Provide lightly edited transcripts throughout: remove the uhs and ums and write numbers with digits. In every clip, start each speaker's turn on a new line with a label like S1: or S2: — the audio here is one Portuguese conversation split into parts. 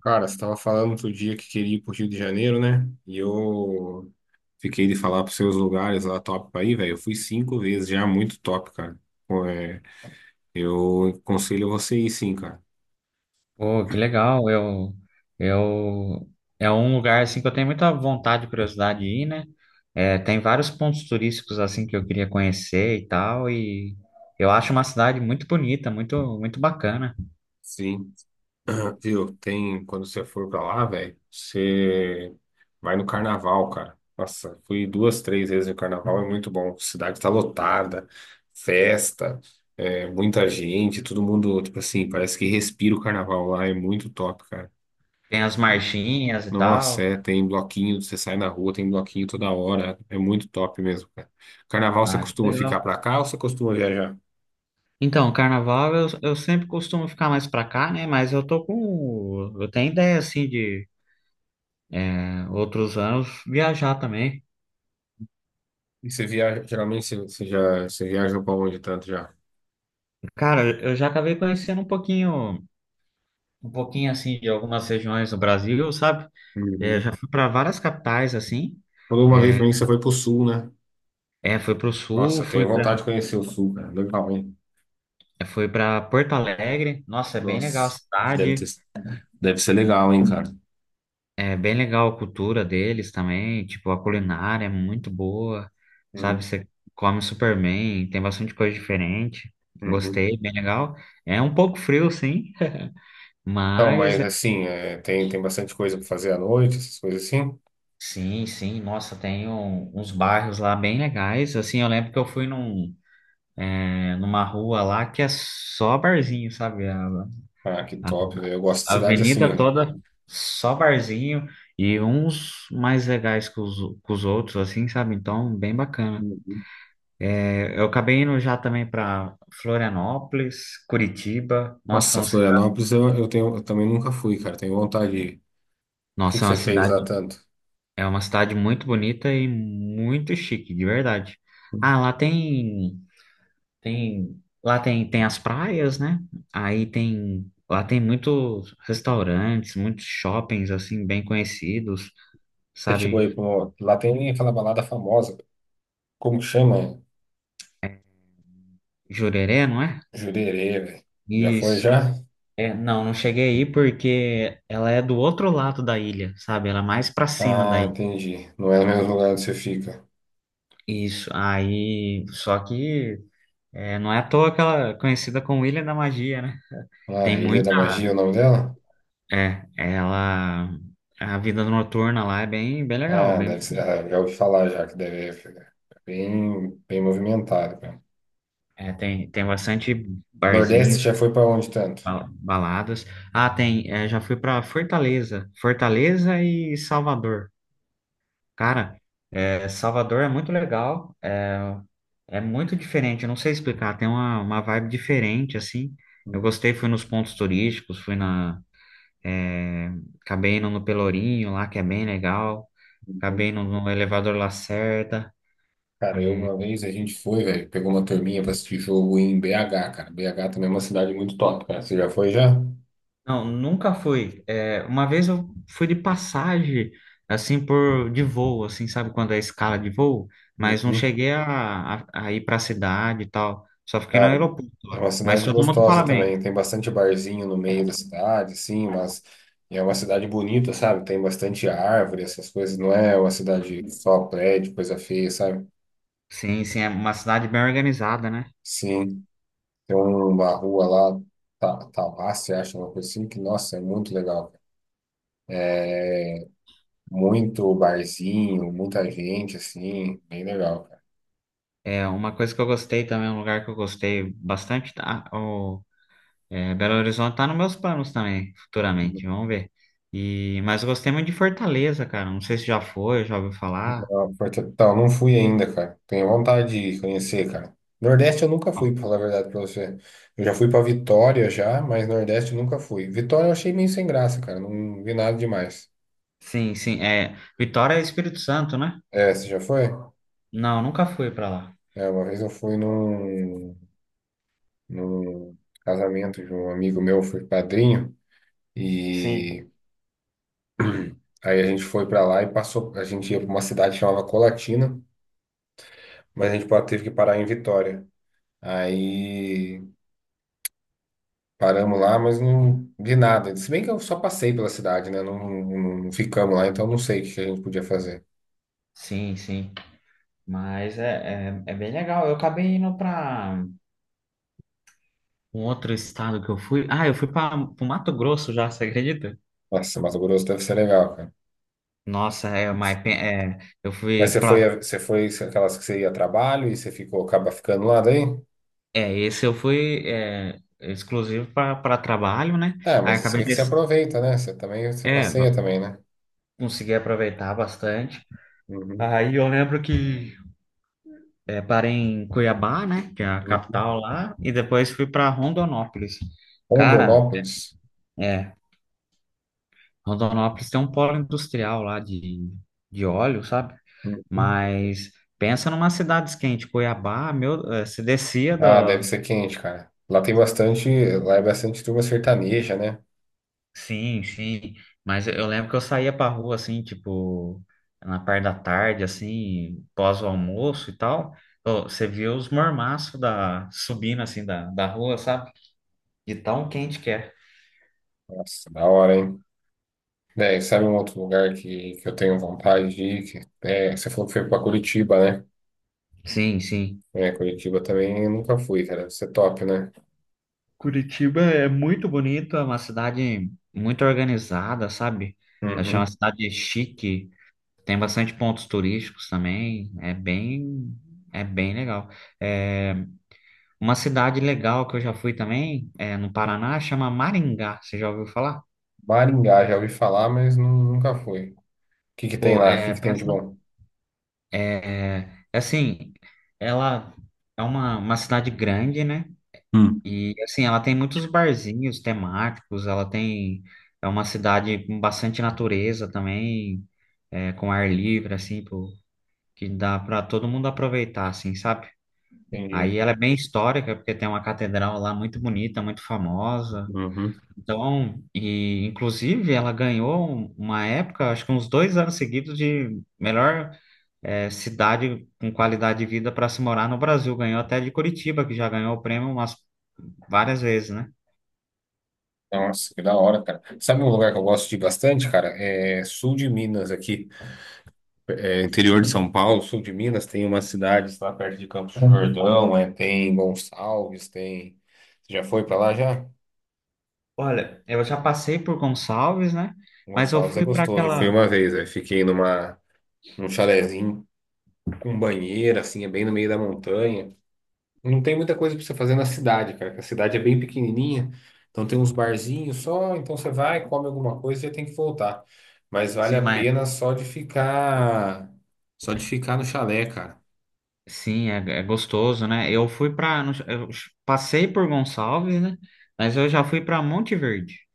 S1: Cara, você estava falando outro dia que queria ir pro Rio de Janeiro, né? E eu fiquei de falar pros seus lugares lá top pra ir, velho. Eu fui cinco vezes já, muito top, cara. Pô, é, eu aconselho você ir sim, cara.
S2: Pô, que legal. Eu, É um lugar assim que eu tenho muita vontade e curiosidade de ir, né? É, tem vários pontos turísticos assim que eu queria conhecer e tal, e eu acho uma cidade muito bonita, muito, muito bacana.
S1: Sim. Viu? Quando você for pra lá, velho, você vai no carnaval, cara. Nossa, fui duas, três vezes no carnaval, é muito bom. Cidade tá lotada, festa, é, muita gente, todo mundo, tipo assim, parece que respira o carnaval lá, é muito top, cara.
S2: Tem as marchinhas e
S1: Nossa,
S2: tal.
S1: é, tem bloquinho, você sai na rua, tem bloquinho toda hora, é muito top mesmo, cara. Carnaval você
S2: Ah, que
S1: costuma ficar
S2: legal.
S1: pra cá ou você costuma viajar?
S2: Então, carnaval eu sempre costumo ficar mais pra cá, né? Mas eu tenho ideia assim de outros anos viajar também.
S1: E você viaja, geralmente você viaja pra onde tanto já?
S2: Cara, eu já acabei conhecendo um pouquinho assim de algumas regiões do Brasil, sabe? É,
S1: Uhum.
S2: já fui para várias capitais assim.
S1: Falou uma vez
S2: É,
S1: pra mim que você foi pro sul, né?
S2: fui para o
S1: Nossa,
S2: sul,
S1: eu
S2: fui
S1: tenho
S2: para
S1: vontade de conhecer o sul, cara, legal, hein?
S2: fui para Porto Alegre. Nossa, é bem legal a
S1: Nossa, deve ter,
S2: cidade,
S1: deve ser legal, hein, cara?
S2: é bem legal a cultura deles também. Tipo, a culinária é muito boa, sabe?
S1: Uhum.
S2: Você come super bem, tem bastante coisa diferente.
S1: Uhum.
S2: Gostei, bem legal. É um pouco frio, sim,
S1: Então,
S2: mas
S1: mas
S2: é,
S1: assim, é, tem bastante coisa pra fazer à noite, essas coisas assim.
S2: Sim, sim, nossa, tem uns bairros lá bem legais. Assim, eu lembro que eu fui numa rua lá que é só barzinho, sabe?
S1: Ah, que
S2: A-
S1: top, velho. Eu gosto de
S2: a
S1: cidade assim,
S2: avenida
S1: né?
S2: toda só barzinho e uns mais legais que os outros, assim, sabe? Então, bem bacana. É, eu acabei indo já também para Florianópolis, Curitiba. Nossa, é
S1: Nossa,
S2: uma
S1: Florianópolis eu tenho, eu também nunca fui, cara. Tenho vontade de ir. O que que
S2: nossa, é uma
S1: você fez lá
S2: cidade,
S1: tanto?
S2: é uma cidade muito bonita e muito chique, de verdade. Ah, lá tem as praias, né? Lá tem muitos restaurantes, muitos shoppings, assim, bem conhecidos,
S1: Você chegou
S2: sabe?
S1: aí pra uma... Lá tem aquela balada famosa. Como que chama?
S2: Jurerê, não é?
S1: Jurerê, velho. Já foi,
S2: Isso.
S1: já?
S2: É, não, não cheguei aí porque ela é do outro lado da ilha, sabe? Ela é mais pra cima da
S1: Ah,
S2: ilha.
S1: entendi. Não é o mesmo lugar onde você fica.
S2: Isso, aí, só que não é à toa que ela é conhecida como Ilha da Magia, né?
S1: Ah,
S2: Tem
S1: Ilha
S2: muita,
S1: da Magia é o nome dela?
S2: é, ela, A vida noturna lá é bem, bem legal,
S1: Ah,
S2: bem,
S1: deve ser. Ah, já ouvi falar já que deve ser bem, bem movimentado, cara.
S2: é, tem, tem bastante
S1: Nordeste
S2: barzinho,
S1: já foi pra onde tanto?
S2: Baladas. Ah, tem. Já fui pra Fortaleza. Fortaleza e Salvador. Cara, Salvador é muito legal. É, é muito diferente. Eu não sei explicar. Tem uma vibe diferente, assim. Eu gostei. Fui nos pontos turísticos. É, Acabei indo no Pelourinho lá, que é bem legal. Acabei indo no Elevador Lacerda.
S1: Cara, eu
S2: é,
S1: uma vez a gente foi, velho, pegou uma turminha pra assistir jogo em BH, cara. BH também é uma cidade muito top, cara. Você já foi já?
S2: Não, nunca fui. É, uma vez eu fui de passagem, assim, por de voo, assim, sabe quando é escala de voo? Mas não
S1: Uhum.
S2: cheguei a ir para a cidade e tal. Só fiquei no
S1: Cara,
S2: aeroporto
S1: é
S2: lá.
S1: uma
S2: Mas
S1: cidade
S2: todo mundo
S1: gostosa
S2: fala bem.
S1: também. Tem bastante barzinho no meio da cidade, sim, mas é uma cidade bonita, sabe? Tem bastante árvore, essas coisas. Não é uma cidade só prédio, coisa feia, sabe?
S2: Sim, sim, é uma cidade bem organizada, né?
S1: Sim, tem uma rua lá, Tauácia, acho, uma coisa assim, que, nossa, é muito legal, cara. Muito barzinho, muita gente, assim, bem legal, cara.
S2: É uma coisa que eu gostei também, um lugar que eu gostei bastante. Tá? Belo Horizonte tá nos meus planos também, futuramente. Vamos ver. Mas eu gostei muito de Fortaleza, cara. Não sei se já foi, já ouviu falar.
S1: Então, não fui ainda, cara. Tenho vontade de conhecer, cara. Nordeste eu nunca fui, pra falar a verdade pra você. Eu já fui pra Vitória já, mas Nordeste eu nunca fui. Vitória eu achei meio sem graça, cara. Não vi nada demais.
S2: Sim, sim. É, Vitória é Espírito Santo, né?
S1: É, você já foi?
S2: Não, nunca fui pra lá.
S1: É, uma vez eu fui num casamento de um amigo meu, fui padrinho,
S2: Sim.
S1: e aí a gente foi pra lá e passou. A gente ia pra uma cidade que chamava Colatina, mas a gente teve que parar em Vitória. Aí. Paramos lá, mas não vi nada. Se bem que eu só passei pela cidade, né? Não ficamos lá, então não sei o que que a gente podia fazer.
S2: Sim, sim. Mas é bem legal. Eu acabei indo pra um outro estado que eu fui. Ah, eu fui para o Mato Grosso já, você acredita?
S1: Nossa, Mato Grosso deve ser legal, cara.
S2: Nossa. É, mas pe- é, eu
S1: Mas
S2: fui
S1: você foi,
S2: pra.
S1: você foi aquelas que você ia a trabalho e você ficou, acaba ficando lá daí?
S2: É, esse eu fui exclusivo pra trabalho, né?
S1: É,
S2: Aí
S1: mas isso é
S2: acabei
S1: que
S2: de
S1: você aproveita, né? Você também, você
S2: é,
S1: passeia também, né?
S2: consegui aproveitar bastante.
S1: Uhum.
S2: Aí eu lembro que parei em Cuiabá, né, que é a
S1: Uhum.
S2: capital lá, e depois fui para Rondonópolis. Cara,
S1: Rondonópolis.
S2: é, Rondonópolis tem um polo industrial lá de óleo, sabe?
S1: Uhum.
S2: Mas pensa numa cidade quente, Cuiabá, meu, se descia
S1: Ah, deve
S2: do...
S1: ser quente, cara. Lá tem bastante, lá é bastante turma sertaneja, né?
S2: Sim, sim, mas eu lembro que eu saía pra rua, assim, tipo, na parte da tarde, assim, pós o almoço e tal, ô, você via os mormaços subindo, assim, da rua, sabe? De tão quente que é.
S1: Nossa, da hora, hein? Daí, sabe um outro lugar que eu tenho vontade de ir? Que, é, você falou que foi pra Curitiba, né?
S2: Sim, sim.
S1: É, Curitiba também eu nunca fui, cara. Isso é top, né?
S2: Curitiba é muito bonito, é uma cidade muito organizada, sabe? Eu achei uma
S1: Uhum.
S2: cidade chique, tem bastante pontos turísticos também, é bem legal. É, uma cidade legal que eu já fui também, no Paraná, chama Maringá, você já ouviu falar?
S1: Maringá, já ouvi falar, mas nunca fui. O que que tem
S2: Pô,
S1: lá? O que que tem de
S2: pensa,
S1: bom?
S2: é, assim, ela é uma cidade grande, né?
S1: Hum.
S2: E assim, ela tem muitos barzinhos temáticos, ela tem é uma cidade com bastante natureza também, com ar livre assim, que dá para todo mundo aproveitar assim, sabe?
S1: Entendi.
S2: Aí ela é bem histórica porque tem uma catedral lá muito bonita, muito famosa.
S1: Uhum.
S2: Então, e inclusive ela ganhou uma época, acho que uns 2 anos seguidos de melhor cidade com qualidade de vida para se morar no Brasil. Ganhou até de Curitiba, que já ganhou o prêmio umas várias vezes, né?
S1: Nossa, que da hora, cara. Sabe um lugar que eu gosto de ir bastante, cara? É sul de Minas aqui. É, interior de São Paulo, sul de Minas, tem umas cidades lá perto de Campos do Jordão, é, tem Gonçalves, tem. Você já foi pra lá já?
S2: Olha, eu já passei por Gonçalves, né? Mas eu
S1: Gonçalves é
S2: fui para
S1: gostoso. Eu fui
S2: aquela.
S1: uma vez, aí fiquei num chalezinho com banheira, assim, é bem no meio da montanha. Não tem muita coisa pra você fazer na cidade, cara, que a cidade é bem pequenininha. Então tem uns barzinhos só, então você vai, come alguma coisa e já tem que voltar. Mas vale
S2: Sim,
S1: a
S2: mas
S1: pena só de ficar no chalé, cara.
S2: sim, é gostoso, né? Eu passei por Gonçalves, né? Mas eu já fui para Monte Verde.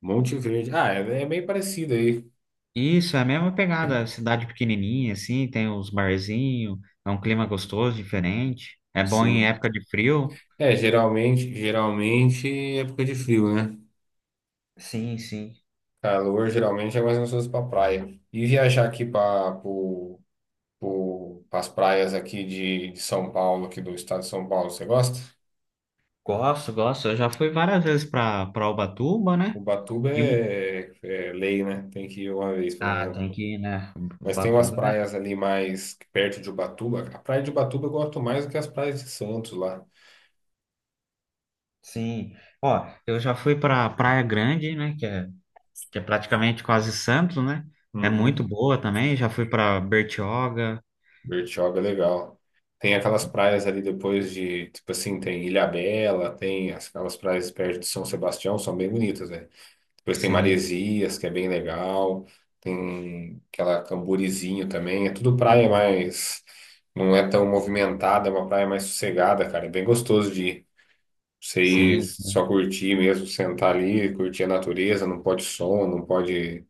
S1: Monte Verde. Ah, é, é meio parecido aí.
S2: Isso, é a mesma pegada, cidade pequenininha, assim, tem os barzinhos, é um clima gostoso, diferente. É bom em
S1: Sim.
S2: época de frio.
S1: É, geralmente é época de frio, né?
S2: Sim, sim.
S1: Calor geralmente é mais gostoso pra praia. E viajar aqui as praias aqui de São Paulo, aqui do estado de São Paulo. Você gosta?
S2: Gosto, gosto. Eu já fui várias vezes para Ubatuba, né?
S1: Ubatuba
S2: E,
S1: é, é lei, né? Tem que ir uma vez, pelo
S2: ah,
S1: menos.
S2: tem que ir, né?
S1: Mas tem umas
S2: Ubatuba.
S1: praias ali mais perto de Ubatuba. A praia de Ubatuba eu gosto mais do que as praias de Santos lá.
S2: Sim. Ó, eu já fui para Praia Grande, né, que é praticamente quase Santos, né? É
S1: Uhum.
S2: muito boa também. Já fui para Bertioga.
S1: Bertioga é legal. Tem aquelas praias ali depois de, tipo assim, tem Ilhabela, aquelas praias perto de São Sebastião, são bem bonitas, né? Depois tem
S2: Sim,
S1: Maresias, que é bem legal. Tem aquela Camburizinho também. É tudo praia mais. Não é tão movimentada, é uma praia mais sossegada, cara. É bem gostoso de ir. Você ir
S2: sim.
S1: só
S2: Sim.
S1: curtir mesmo, sentar ali, curtir a natureza, não pode som, não pode.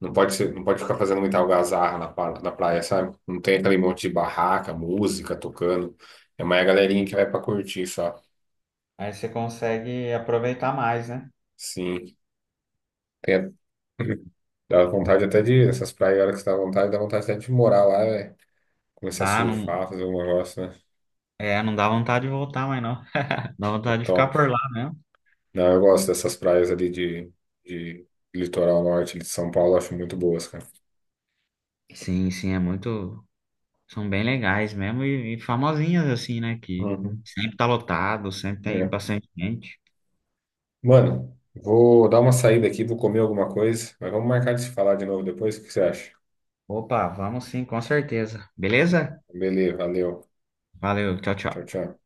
S1: Não pode ficar fazendo muita algazarra na praia, sabe? Não tem aquele monte de barraca, música tocando. É mais a galerinha que vai pra curtir só.
S2: Aí você consegue aproveitar mais, né?
S1: Sim. Tem a- Dá vontade até de, essas praias, a hora que você dá vontade até de morar lá, velho. Começar a
S2: Ah, não,
S1: surfar, fazer um negócio, né?
S2: não dá vontade de voltar, mas não. Dá
S1: É
S2: vontade de ficar
S1: top.
S2: por lá mesmo.
S1: Não, eu gosto dessas praias ali de litoral norte de São Paulo, eu acho muito boas, cara.
S2: Sim, sim, é muito. São bem legais mesmo e famosinhas assim, né? Que
S1: Uhum.
S2: sempre tá lotado, sempre tem
S1: É.
S2: bastante gente.
S1: Mano, vou dar uma saída aqui, vou comer alguma coisa, mas vamos marcar de se falar de novo depois, o que você acha?
S2: Opa, vamos sim, com certeza. Beleza?
S1: Beleza, valeu.
S2: Valeu, tchau, tchau.
S1: Tchau, tchau.